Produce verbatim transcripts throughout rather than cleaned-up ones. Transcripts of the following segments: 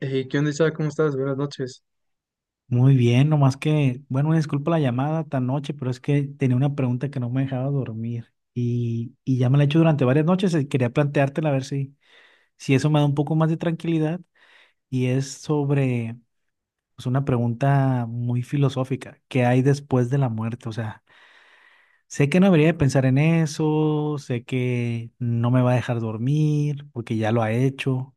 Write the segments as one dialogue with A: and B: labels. A: Hey, ¿qué onda, Isaac? ¿Cómo estás? Buenas noches.
B: Muy bien, nomás que, bueno, disculpa la llamada tan noche, pero es que tenía una pregunta que no me dejaba dormir y, y ya me la he hecho durante varias noches y quería planteártela a ver si, si eso me da un poco más de tranquilidad y es sobre, pues, una pregunta muy filosófica. ¿Qué hay después de la muerte? O sea, sé que no debería de pensar en eso, sé que no me va a dejar dormir porque ya lo ha hecho,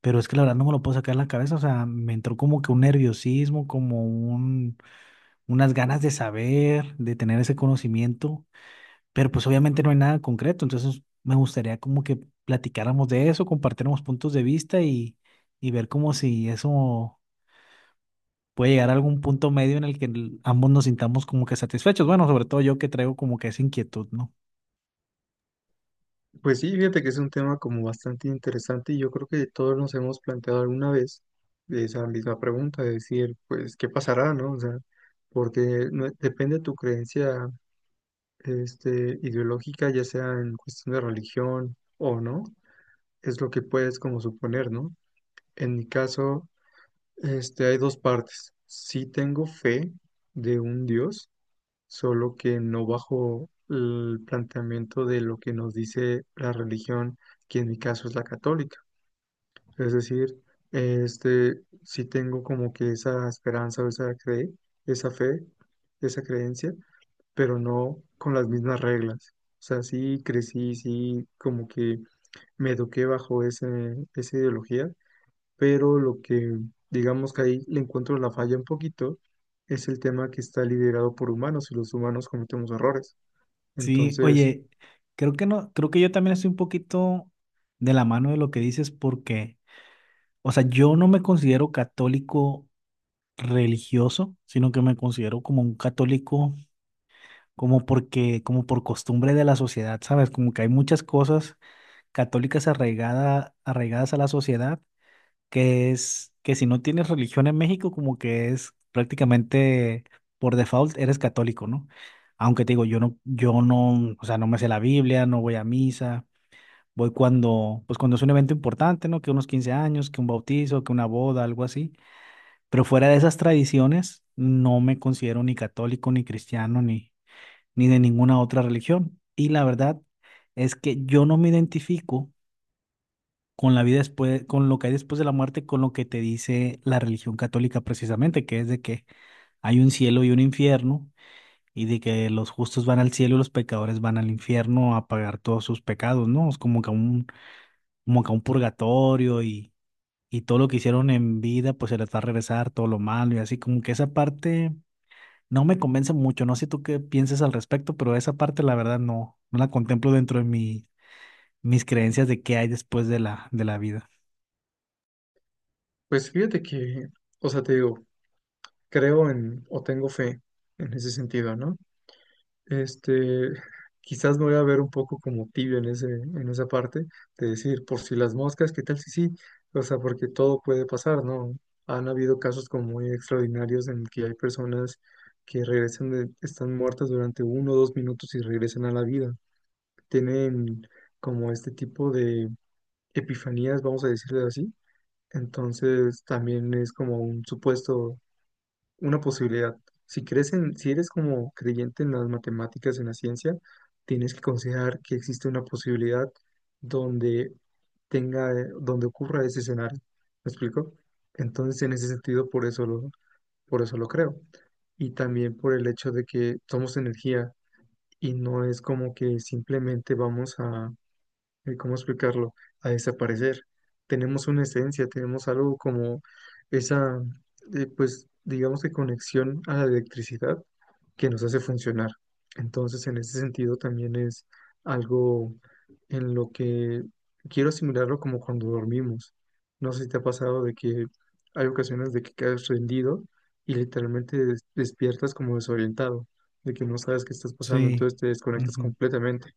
B: pero es que la verdad no me lo puedo sacar de la cabeza. O sea, me entró como que un nerviosismo, como un unas ganas de saber, de tener ese conocimiento, pero pues obviamente no hay nada concreto. Entonces me gustaría como que platicáramos de eso, compartiéramos puntos de vista y, y ver como si eso puede llegar a algún punto medio en el que el- ambos nos sintamos como que satisfechos. Bueno, sobre todo yo que traigo como que esa inquietud, ¿no?
A: Pues sí, fíjate que es un tema como bastante interesante y yo creo que todos nos hemos planteado alguna vez esa misma pregunta, de decir, pues, ¿qué pasará, no? O sea, porque no- depende de tu creencia, este, ideológica, ya sea en cuestión de religión o no, es lo que puedes como suponer, ¿no? En mi caso, este, hay dos partes. Sí tengo fe de un Dios solo que no bajo el planteamiento de lo que nos dice la religión, que en mi caso es la católica. Es decir, este, sí tengo como que esa esperanza o esa cre- esa fe, esa creencia, pero no con las mismas reglas. O sea, sí crecí, sí como que me eduqué bajo ese, esa ideología, pero lo que digamos que ahí le encuentro la falla un poquito es el tema que está liderado por humanos y los humanos cometemos errores.
B: Sí,
A: Entonces,
B: oye, creo que no, creo que yo también estoy un poquito de la mano de lo que dices porque, o sea, yo no me considero católico religioso, sino que me considero como un católico como porque, como por costumbre de la sociedad, ¿sabes? Como que hay muchas cosas católicas arraigada, arraigadas a la sociedad, que es que si no tienes religión en México, como que es prácticamente por default eres católico, ¿no? Aunque te digo, yo no, yo no, o sea, no me sé la Biblia, no voy a misa, voy cuando, pues cuando es un evento importante, ¿no? Que unos quince años, que un bautizo, que una boda, algo así. Pero fuera de esas tradiciones, no me considero ni católico, ni cristiano, ni, ni de ninguna otra religión. Y la verdad es que yo no me identifico con la vida después, con lo que hay después de la muerte, con lo que te dice la religión católica precisamente, que es de que hay un cielo y un infierno y de que los justos van al cielo y los pecadores van al infierno a pagar todos sus pecados, ¿no? Es como que un, como que un purgatorio y, y todo lo que hicieron en vida, pues se les va a regresar todo lo malo y así como que esa parte no me convence mucho, no sé tú qué pienses al respecto, pero esa parte la verdad no, no la contemplo dentro de mi, mis creencias de qué hay después de la, de la vida.
A: pues fíjate que, o sea, te digo, creo en o tengo fe en ese sentido, ¿no? Este, quizás me voy a ver un poco como tibio en ese, en esa parte, de decir, por si las moscas, ¿qué tal si sí? O sea, porque todo puede pasar, ¿no? Han habido casos como muy extraordinarios en que hay personas que regresan, de- están muertas durante uno o dos minutos y regresan a la vida. Tienen como este tipo de epifanías, vamos a decirle así. Entonces también es como un supuesto, una posibilidad. Si crees en, si eres como creyente en las matemáticas, en la ciencia, tienes que considerar que existe una posibilidad donde tenga, eh, donde ocurra ese escenario. ¿Me explico? Entonces, en ese sentido, por eso lo, por eso lo creo. Y también por el hecho de que somos energía y no es como que simplemente vamos a eh, ¿cómo explicarlo? A desaparecer. Tenemos una esencia, tenemos algo como esa, eh, pues, digamos que conexión a la electricidad que nos hace funcionar. Entonces, en ese sentido también es algo en lo que quiero asimilarlo como cuando dormimos. No sé si te ha pasado de que hay ocasiones de que quedas rendido y literalmente des- despiertas como desorientado, de que no sabes qué estás pasando,
B: Sí.
A: entonces te desconectas
B: Ujú.
A: completamente.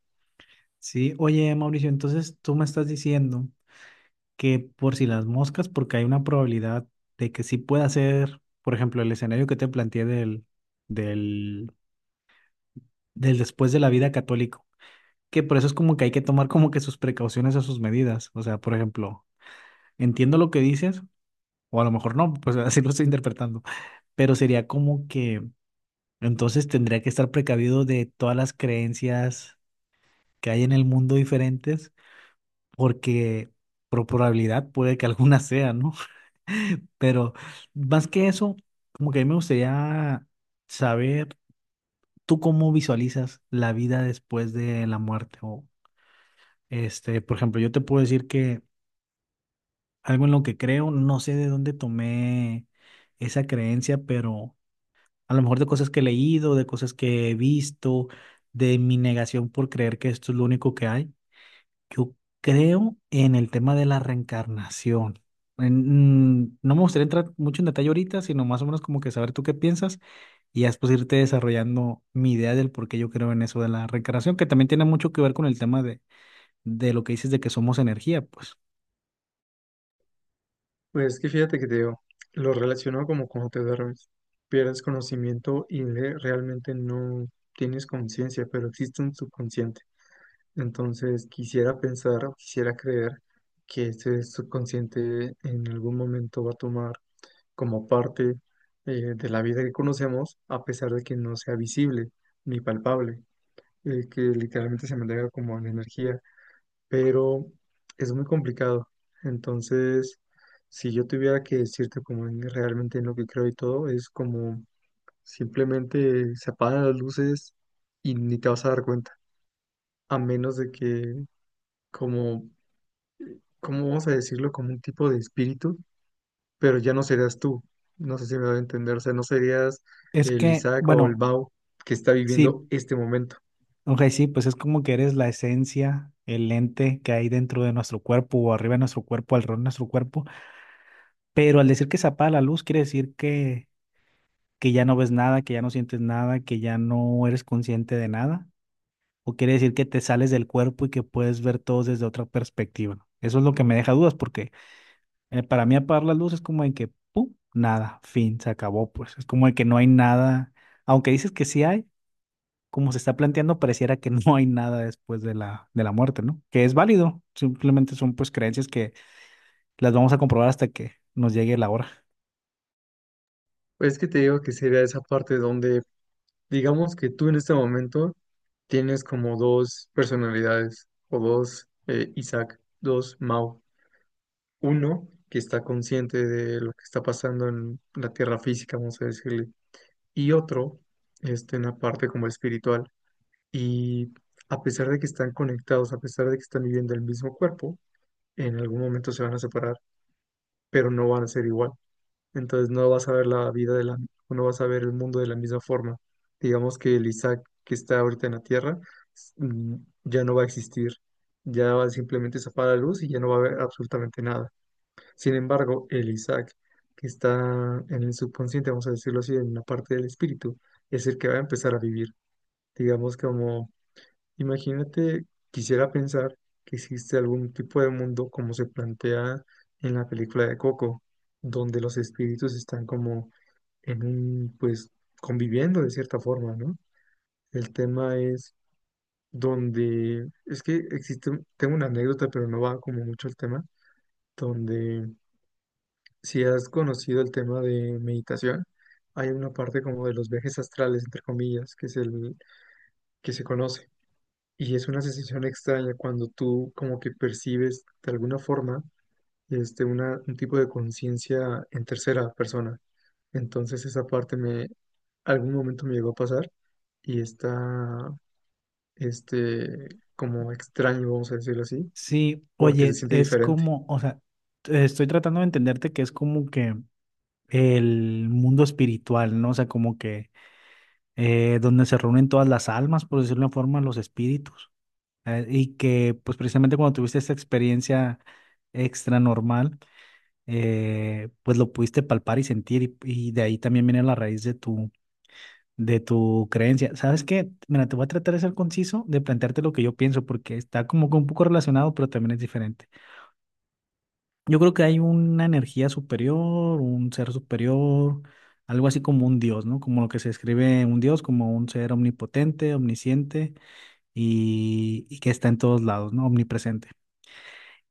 B: Sí, oye Mauricio, entonces tú me estás diciendo que por si las moscas, porque hay una probabilidad de que sí pueda ser, por ejemplo, el escenario que te planteé del, del, del después de la vida católico, que por eso es como que hay que tomar como que sus precauciones o sus medidas. O sea, por ejemplo, entiendo lo que dices, o a lo mejor no, pues así lo estoy interpretando, pero sería como que entonces tendría que estar precavido de todas las creencias que hay en el mundo diferentes, porque por probabilidad puede que alguna sea, ¿no? Pero más que eso, como que a mí me gustaría saber tú cómo visualizas la vida después de la muerte. O, este, por ejemplo, yo te puedo decir que algo en lo que creo, no sé de dónde tomé esa creencia, pero a lo mejor de cosas que he leído, de cosas que he visto, de mi negación por creer que esto es lo único que hay. Yo creo en el tema de la reencarnación. En- mm, no me gustaría entrar mucho en detalle ahorita, sino más o menos como que saber tú qué piensas y ya después irte desarrollando mi idea del por qué yo creo en eso de la reencarnación, que también tiene mucho que ver con el tema de, de lo que dices de que somos energía, pues.
A: Pues es que fíjate que te digo, lo relaciono como cuando te duermes, pierdes conocimiento y le- realmente no tienes conciencia, pero existe un subconsciente. Entonces quisiera pensar o quisiera creer que ese subconsciente en algún momento va a tomar como parte, eh, de la vida que conocemos, a pesar de que no sea visible ni palpable, eh, que literalmente se mantenga como en energía, pero es muy complicado. Entonces, si yo tuviera que decirte como en- realmente en lo que creo y todo, es como simplemente se apagan las luces y ni te vas a dar cuenta, a menos de que como, ¿cómo vamos a decirlo? Como un tipo de espíritu, pero ya no serías tú. No sé si me voy a entender, o sea, no serías
B: Es
A: el
B: que,
A: Isaac o el
B: bueno,
A: Mau que está viviendo
B: sí.
A: este momento.
B: Ok, sí, pues es como que eres la esencia, el ente que hay dentro de nuestro cuerpo o arriba de nuestro cuerpo, alrededor de nuestro cuerpo. Pero al decir que se apaga la luz, quiere decir que, que ya no ves nada, que ya no sientes nada, que ya no eres consciente de nada. O quiere decir que te sales del cuerpo y que puedes ver todo desde otra perspectiva. Eso es lo que me deja dudas porque, eh, para mí apagar la luz es como en que, ¡pum! Nada, fin, se acabó, pues. Es como de que no hay nada. Aunque dices que sí hay. Como se está planteando, pareciera que no hay nada después de la, de la muerte, ¿no? Que es válido, simplemente son pues creencias que las vamos a comprobar hasta que nos llegue la hora.
A: Es que te digo que sería esa parte donde. Digamos que tú en este momento tienes como dos personalidades o dos eh, Isaac, dos Mao. Uno que está consciente de lo que está pasando en la tierra física, vamos a decirle, y otro este, en la parte como espiritual. Y a pesar de que están conectados, a pesar de que están viviendo el mismo cuerpo, en algún momento se van a separar, pero no van a ser igual, entonces no vas a ver la vida de la, o no vas a ver el mundo de la misma forma. Digamos que el Isaac que está ahorita en la Tierra s- mm, ya no va a existir, ya va simplemente a apaga la luz y ya no va a haber absolutamente nada. Sin embargo, el Isaac que está en el subconsciente, vamos a decirlo así, en la parte del espíritu, es el que va a empezar a vivir. Digamos como, imagínate, quisiera pensar que existe algún tipo de mundo como se plantea en la película de Coco, donde los espíritus están como en un, pues, conviviendo de cierta forma, ¿no? El tema es donde, es que existe, un- tengo una anécdota, pero no va como mucho el tema, donde si has conocido el tema de meditación, hay una parte como de los viajes astrales, entre comillas, que es el que se conoce. Y es una sensación extraña cuando tú como que percibes de alguna forma este, una, un tipo de conciencia en tercera persona. Entonces esa parte me, algún momento me llegó a pasar y está, este, como extraño, vamos a decirlo así,
B: Sí,
A: porque se
B: oye,
A: siente
B: es
A: diferente.
B: como, o sea, t- estoy tratando de entenderte, que es como que el mundo espiritual, ¿no? O sea, como que eh, donde se reúnen todas las almas, por decirlo de una forma, los espíritus. Eh, y que pues precisamente cuando tuviste esta experiencia extranormal, eh, pues lo pudiste palpar y sentir y, y de ahí también viene la raíz de tu, de tu creencia. ¿Sabes qué? Mira, te voy a tratar de ser conciso, de plantearte lo que yo pienso, porque está como que un poco relacionado, pero también es diferente. Yo creo que hay una energía superior, un ser superior, algo así como un dios, ¿no? Como lo que se describe un dios, como un ser omnipotente, omnisciente y, y que está en todos lados, ¿no? Omnipresente.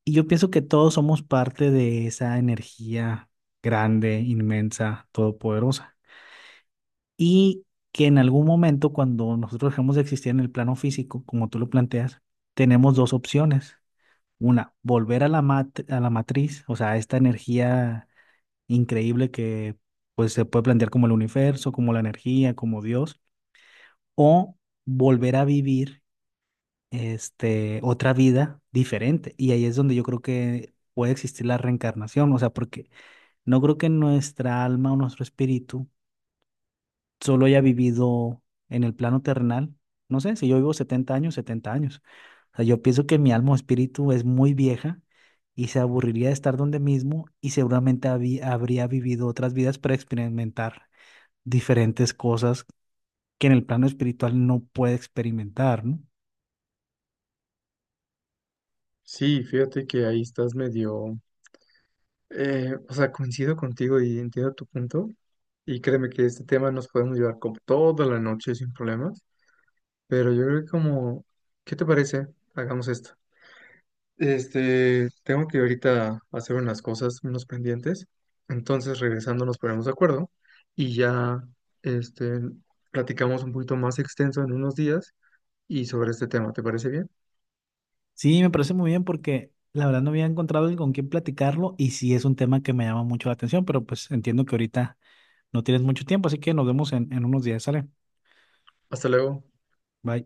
B: Y yo pienso que todos somos parte de esa energía grande, inmensa, todopoderosa. Y que en algún momento, cuando nosotros dejemos de existir en el plano físico, como tú lo planteas, tenemos dos opciones. Una, volver a la mat- a la matriz, o sea, a esta energía increíble que pues se puede plantear como el universo, como la energía, como Dios, o volver a vivir este otra vida diferente. Y ahí es donde yo creo que puede existir la reencarnación, o sea, porque no creo que nuestra alma o nuestro espíritu solo haya vivido en el plano terrenal. No sé, si yo vivo setenta años, setenta años. O sea, yo pienso que mi alma o espíritu es muy vieja y se aburriría de estar donde mismo y seguramente habí- habría vivido otras vidas para experimentar diferentes cosas que en el plano espiritual no puede experimentar, ¿no?
A: Sí, fíjate que ahí estás medio, eh, o sea, coincido contigo y entiendo tu punto. Y créeme que este tema nos podemos llevar como toda la noche sin problemas, pero yo creo que como, ¿qué te parece? Hagamos esto. Este, tengo que ahorita hacer unas cosas, unos pendientes. Entonces, regresando, nos ponemos de acuerdo y ya, este, platicamos un poquito más extenso en unos días y sobre este tema. ¿Te parece bien?
B: Sí, me parece muy bien porque la verdad no había encontrado alguien con quien platicarlo y sí es un tema que me llama mucho la atención, pero pues entiendo que ahorita no tienes mucho tiempo, así que nos vemos en, en unos días. Sale.
A: Hasta luego.
B: Bye.